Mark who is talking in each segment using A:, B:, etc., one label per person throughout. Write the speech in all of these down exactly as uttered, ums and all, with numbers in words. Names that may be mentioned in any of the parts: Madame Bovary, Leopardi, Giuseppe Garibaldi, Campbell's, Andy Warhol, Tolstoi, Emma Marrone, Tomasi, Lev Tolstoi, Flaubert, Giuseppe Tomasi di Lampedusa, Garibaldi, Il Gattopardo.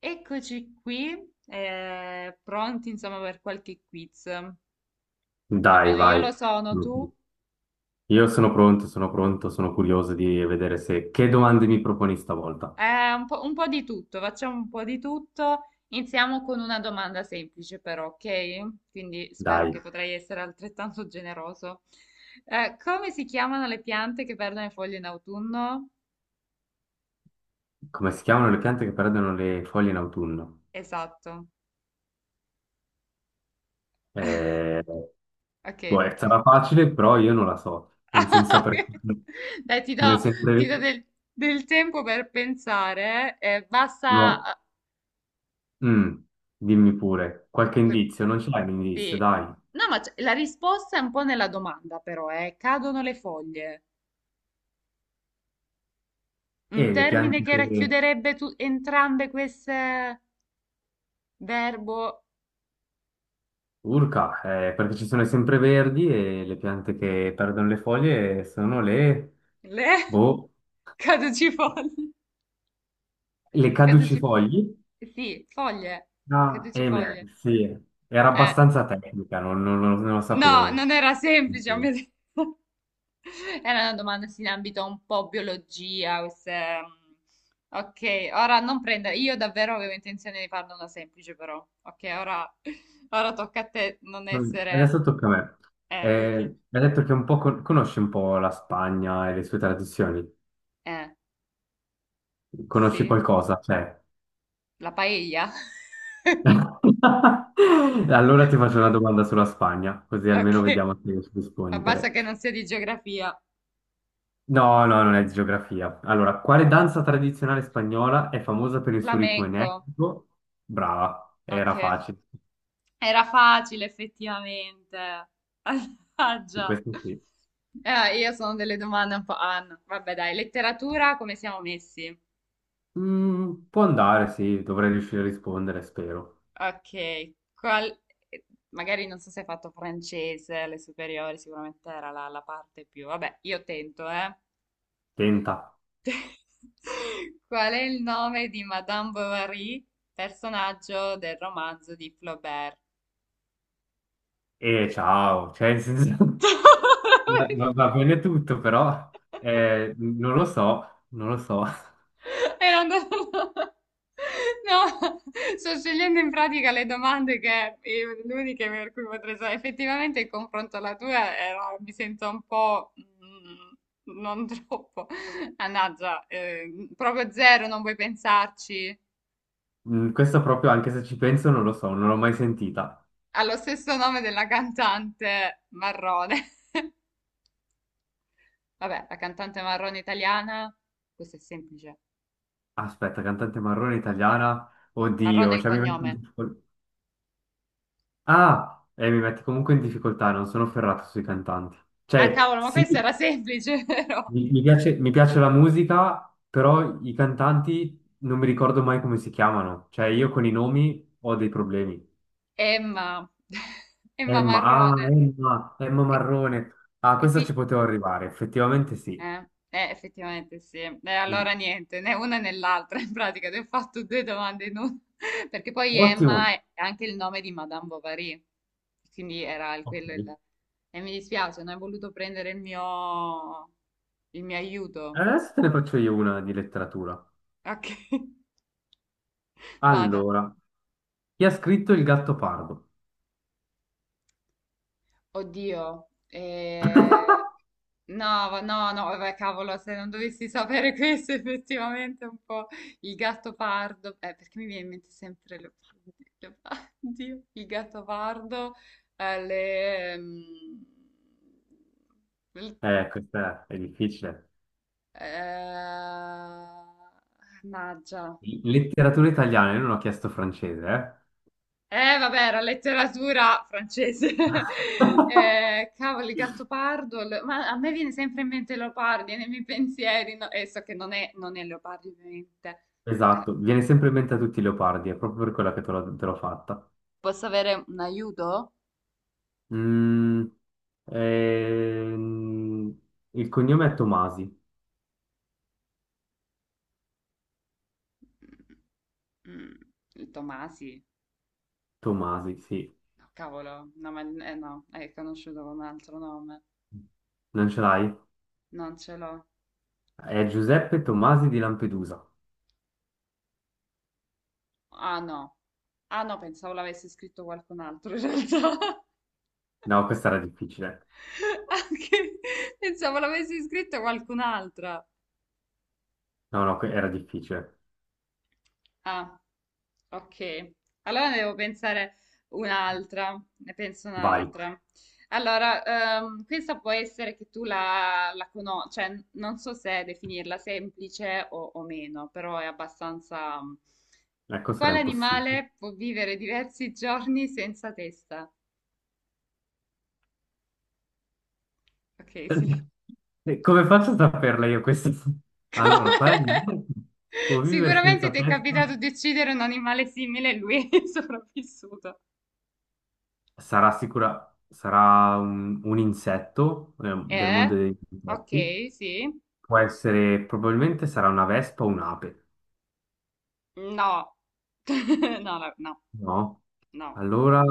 A: Eccoci qui, eh, pronti insomma per qualche quiz.
B: Dai,
A: Almeno io
B: vai.
A: lo sono, tu?
B: Mhm. Io sono pronto, sono pronto, sono curioso di vedere se... Che domande mi proponi stavolta?
A: Eh, un po', un po' di tutto, facciamo un po' di tutto. Iniziamo con una domanda semplice però, ok? Quindi spero che
B: Dai,
A: potrai essere altrettanto generoso. Eh, come si chiamano le piante che perdono le foglie in autunno?
B: come si chiamano le piante che perdono le foglie in autunno?
A: Esatto,
B: Eh, Boh,
A: ok.
B: eh,
A: però-
B: sarà facile, però io non la so. In senso
A: Ok.
B: perché
A: Dai, ti
B: non è
A: do,
B: sempre...
A: ti do
B: lì.
A: del, del tempo per pensare. Eh,
B: No.
A: basta.
B: Mm, Dimmi pure, qualche
A: eh,
B: indizio? Non c'è un indizio,
A: Sì.
B: dai.
A: No, ma c- la risposta è un po' nella domanda, però, eh. Cadono le foglie. Un
B: E le
A: termine
B: piante
A: che
B: che...
A: racchiuderebbe tu- entrambe queste verbo
B: Urca, eh, perché ci sono i sempreverdi e le piante che perdono le foglie sono le,
A: le
B: boh,
A: caducifoglie.
B: le
A: Caducifoglie.
B: caducifogli.
A: Sì, foglie.
B: Ah, eh, beh,
A: Caducifoglie.
B: sì, era
A: Eh.
B: abbastanza tecnica, non, non- non- non lo
A: No,
B: sapevo.
A: non era semplice, mi ha detto. Era una domanda sì, in ambito un po' biologia, queste. mm, Ok, ora non prendere, io davvero avevo intenzione di farne una semplice però, ok, ora, ora tocca a te non
B: Vabbè,
A: essere...
B: adesso tocca a me.
A: Eh, ok.
B: Eh, hai detto che un po' con- conosci un po' la Spagna e le sue tradizioni.
A: Eh,
B: Conosci
A: sì,
B: qualcosa? Cioè.
A: la paella.
B: Allora ti faccio una domanda sulla Spagna, così almeno
A: Ok,
B: vediamo se riesci a
A: ma basta
B: rispondere.
A: che non sia di geografia.
B: No, no, non è geografia. Allora, quale danza tradizionale spagnola è famosa per il suo ritmo
A: Flamenco,
B: energico? Brava,
A: ok,
B: era facile.
A: era facile effettivamente.
B: Di
A: Mannaggia.
B: questo sì.
A: Eh, io sono delle domande un po'. Ah, no. Vabbè, dai, letteratura, come siamo messi?
B: Mm, può andare, sì, dovrei riuscire a rispondere, spero.
A: Ok, qual- magari non so se hai fatto francese, alle superiori sicuramente era la, la parte più... Vabbè, io tento, eh.
B: Tenta.
A: Qual è il nome di Madame Bovary, personaggio del romanzo di Flaubert?
B: E ciao, cioè, nel senso, va va- va bene tutto, però eh, non lo so, non lo so.
A: Era andato... No, sto scegliendo in pratica le domande che eh, l'unica per cui potrei sapere. Effettivamente il confronto alla tua era, mi sento un po' mm, non troppo. Mannaggia, eh, proprio zero, non vuoi pensarci.
B: Mm, questo proprio, anche se ci penso, non lo so, non l'ho mai sentita.
A: Ha lo stesso nome della cantante Marrone. Vabbè, la cantante Marrone italiana, questo è semplice.
B: Aspetta, cantante marrone italiana?
A: Marrone è
B: Oddio,
A: il
B: cioè mi metti in
A: cognome.
B: difficoltà. Ah, e mi metti comunque in difficoltà, non sono ferrato sui cantanti.
A: Ah,
B: Cioè,
A: cavolo, ma
B: sì,
A: questo era semplice, vero?
B: mi, mi piace, mi piace la musica, però i cantanti non mi ricordo mai come si chiamano. Cioè, io con i nomi ho dei problemi.
A: Emma, Emma
B: Emma, ah,
A: Marrone.
B: Emma, Emma
A: E,
B: Marrone. Ah,
A: e
B: questa ci
A: qui,
B: potevo arrivare, effettivamente sì.
A: eh, eh, effettivamente sì. Eh, allora
B: Mm.
A: niente, né una né l'altra in pratica, ti ho fatto due domande in una. Perché poi
B: Ottimo.
A: Emma è anche il nome di Madame Bovary, quindi era il-
B: Ok.
A: quello il. E mi dispiace, non hai voluto prendere il mio, il mio aiuto.
B: Adesso te ne faccio io una di letteratura.
A: Ok, vada.
B: Allora, chi ha scritto Il Gattopardo?
A: Oddio, eh, no, va- no, no, vabbè, cavolo, se non dovessi sapere questo, effettivamente è un po' il gatto pardo, eh, perché mi viene in mente sempre Leopardi, Leopardi, il gatto pardo, eh, le, mm, il-
B: Eh, questa è è difficile.
A: eh, mannaggia.
B: Letteratura italiana, io non ho chiesto francese, eh?
A: Eh, vabbè, era letteratura francese. Eh, cavolo, il Gattopardo. lo- Ma a me viene sempre in mente Leopardi nei miei pensieri. No? E so che non è, non è Leopardi, ovviamente. Dai,
B: Esatto, viene sempre in mente a tutti i leopardi, è proprio per quella che te l'ho te l'ho fatta.
A: posso avere un aiuto?
B: Mm, ehm, il cognome è Tomasi.
A: Mm, il Tomasi.
B: Tomasi, sì.
A: No, cavolo. No, ma eh, no, è conosciuto con un altro nome.
B: Non ce l'hai?
A: Non ce l'ho.
B: È Giuseppe Tomasi di Lampedusa.
A: Ah, no. Ah, no, pensavo l'avesse scritto qualcun altro, in realtà.
B: No, questa era difficile.
A: Anche... Pensavo l'avesse scritto qualcun'altra.
B: No, no, que- era difficile.
A: Ah, ok. Allora ne devo pensare un'altra, ne penso
B: Vai.
A: un'altra. Allora, ehm, questa può essere che tu la, la conosci, cioè non so se definirla semplice o, o meno, però è abbastanza.
B: Ecco, sarà
A: Quale
B: impossibile.
A: animale può vivere diversi giorni senza testa? Ok, sì.
B: Eh, Come faccio a saperla io questa?
A: Come?
B: Allora, qual è il può vivere
A: Sicuramente
B: senza
A: ti è
B: testa?
A: capitato di uccidere un animale simile e lui è sopravvissuto.
B: Sarà sicura, sarà un, un insetto eh, del
A: Eh?
B: mondo degli
A: Ok,
B: insetti.
A: sì.
B: Può essere, probabilmente sarà una vespa o un'ape,
A: No, no, no, no,
B: no?
A: no.
B: Allora,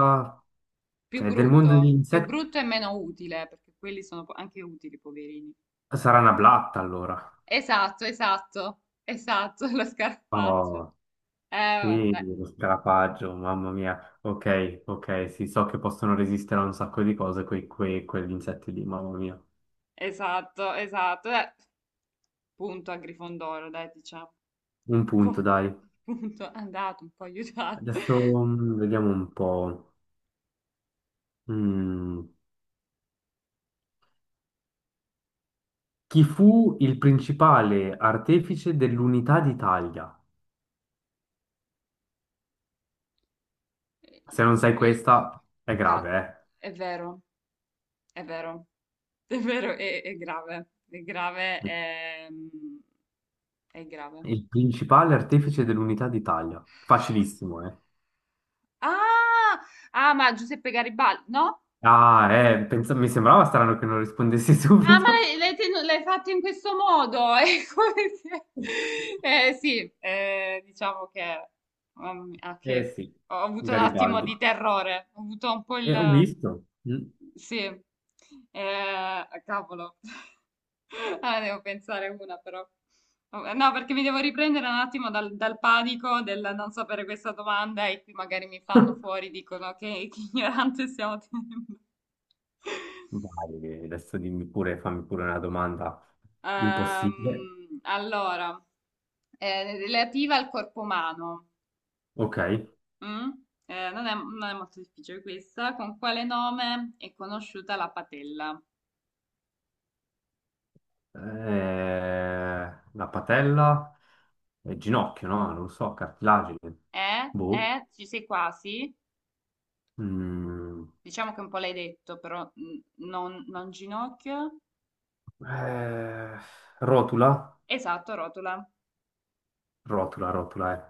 A: Più
B: cioè, del mondo degli
A: brutto, più
B: insetti
A: brutto e meno utile, perché quelli sono po- anche utili, poverini.
B: sarà una blatta, allora.
A: Esatto, esatto, esatto, lo scarfaggio.
B: Oh,
A: Eh, Vabbè,
B: sì,
A: dai.
B: lo scarafaggio, mamma mia. Ok, ok, sì, so che possono resistere a un sacco di cose quei, quei- quegli insetti lì, mamma mia.
A: Esatto, esatto. Dai. Punto a Grifondoro, dai, diciamo.
B: Un punto,
A: Pu-
B: dai.
A: Punto, andato, un po' aiutato.
B: Adesso mm, vediamo un po'. Mm. Chi fu il principale artefice dell'unità d'Italia? Se non sai
A: Free-
B: questa, è
A: Cazzo,
B: grave,
A: è vero. È vero, è vero, è, è grave, è grave,
B: eh?
A: è, è grave.
B: Il principale artefice dell'unità d'Italia. Facilissimo, eh?
A: Ah, ah, ma Giuseppe Garibaldi, no?
B: Ah, eh, pensa- mi sembrava strano che non rispondessi
A: Ah, ma
B: subito.
A: l'hai l'hai tenu- l'hai fatto in questo modo? È come se- Eh, sì, eh, diciamo che, mamma mia, ah,
B: Eh
A: che
B: sì,
A: ho avuto un attimo di
B: Garibaldi.
A: terrore, ho avuto un po'
B: E ho
A: il.
B: visto. Mm.
A: Sì, eh, ah, cavolo. Ah, devo pensare una però. No, perché mi devo riprendere un attimo dal, dal panico del non sapere questa domanda e qui magari mi fanno fuori, dicono che, che ignorante stiamo tenendo.
B: Vai, adesso dimmi pure, fammi pure una domanda impossibile.
A: Ehm, allora, eh, relativa al corpo umano.
B: Ok.
A: Mm? Eh, non è, non è molto difficile questa. Con quale nome è conosciuta la patella?
B: Eh, la patella e il ginocchio, no? Non lo so, cartilagine.
A: Eh?
B: Boh.
A: Eh? Ci sei quasi?
B: Mm.
A: Diciamo che un po' l'hai detto, però mm, non, non ginocchio.
B: Eh, rotula?
A: Esatto, rotola.
B: Rotula, rotula, eh.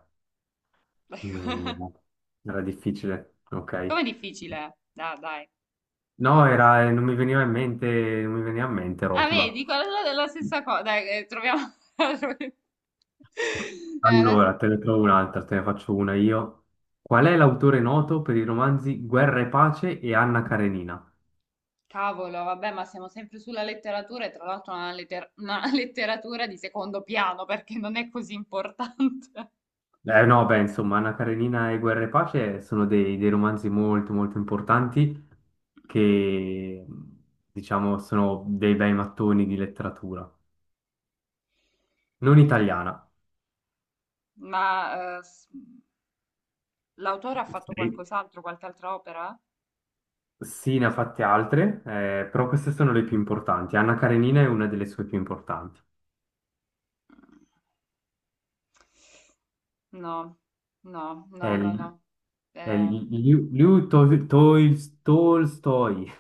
B: Mi- mi- Era difficile, ok.
A: Come difficile? Dai, dai.
B: No, era, eh, non mi veniva in mente, non mi veniva in mente
A: Ah,
B: rotula.
A: vedi, quella è la stessa cosa. Dai, eh, troviamo. Eh, la stessa-
B: Allora, te ne trovo un'altra, te ne faccio una io. Qual è l'autore noto per i romanzi Guerra e Pace e Anna Karenina?
A: Cavolo, vabbè, ma siamo sempre sulla letteratura e tra l'altro una, letter- una letteratura di secondo piano perché non è così importante.
B: Eh no, beh, insomma, Anna Karenina e Guerra e Pace sono dei, dei romanzi molto molto importanti che, diciamo, sono dei bei mattoni di letteratura. Non italiana.
A: Ma eh, s- l'autore ha fatto
B: Sì,
A: qualcos'altro, qualche altra opera?
B: sì, ne ha fatte altre, eh, però queste sono le più importanti. Anna Karenina è una delle sue più importanti.
A: Mm. No, no,
B: È,
A: no, no,
B: l-
A: no.
B: è
A: Eh,
B: l- Liu, Liu Tol- Tol- Tolstoi,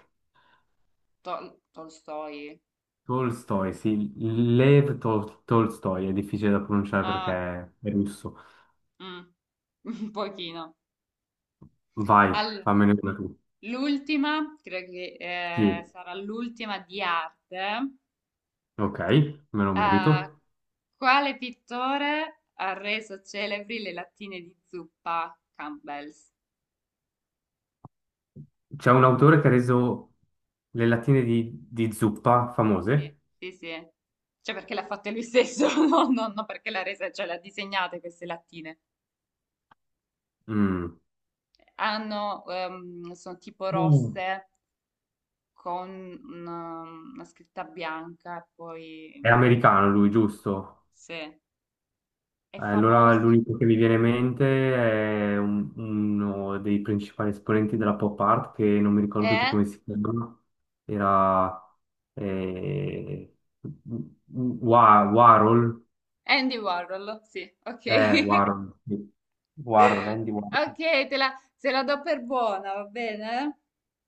A: Tol- Tolstoi.
B: Tolstoi, sì, Lev Tol- Tolstoi, è difficile da pronunciare perché
A: Ah,
B: è russo.
A: mm, un pochino.
B: Vai,
A: Al-
B: fammene una tu.
A: L'ultima, credo che
B: Sì,
A: eh, sarà l'ultima di arte.
B: ok, me lo
A: Ah,
B: merito.
A: quale pittore ha reso celebri le lattine di zuppa Campbell's?
B: C'è un autore che ha reso le lattine di, di zuppa
A: Sì,
B: famose.
A: sì, sì. Cioè perché l'ha fatta lui stesso, no, no, no, perché l'ha resa, cioè l'ha disegnate queste lattine.
B: Mm.
A: Hanno, ehm, sono tipo
B: Uh,
A: rosse con una, una scritta bianca e
B: è
A: poi,
B: americano lui, giusto?
A: sì, è
B: Eh, Allora
A: famoso.
B: l'unico che mi viene in mente è un- uno dei principali esponenti della pop art, che non mi ricordo più
A: È
B: come si chiama. Era eh, Wa- Warhol.
A: Andy Warhol, sì, ok.
B: Eh, Warhol, sì. Warhol, Andy Warhol.
A: Ok, te la, se la do per buona, va bene?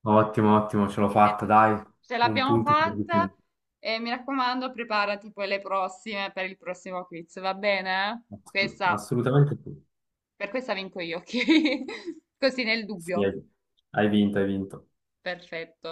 B: Ottimo, ottimo, ce l'ho
A: Mi
B: fatta,
A: sento ge-
B: dai.
A: ce
B: Un
A: l'abbiamo
B: punto, per
A: fatta
B: tutti.
A: e mi raccomando, preparati poi le prossime per il prossimo quiz, va bene?
B: Assolut-
A: Questa,
B: Assolutamente sì.
A: per questa vinco io, ok? Così nel
B: Sì,
A: dubbio.
B: hai hai vinto, hai vinto.
A: Perfetto.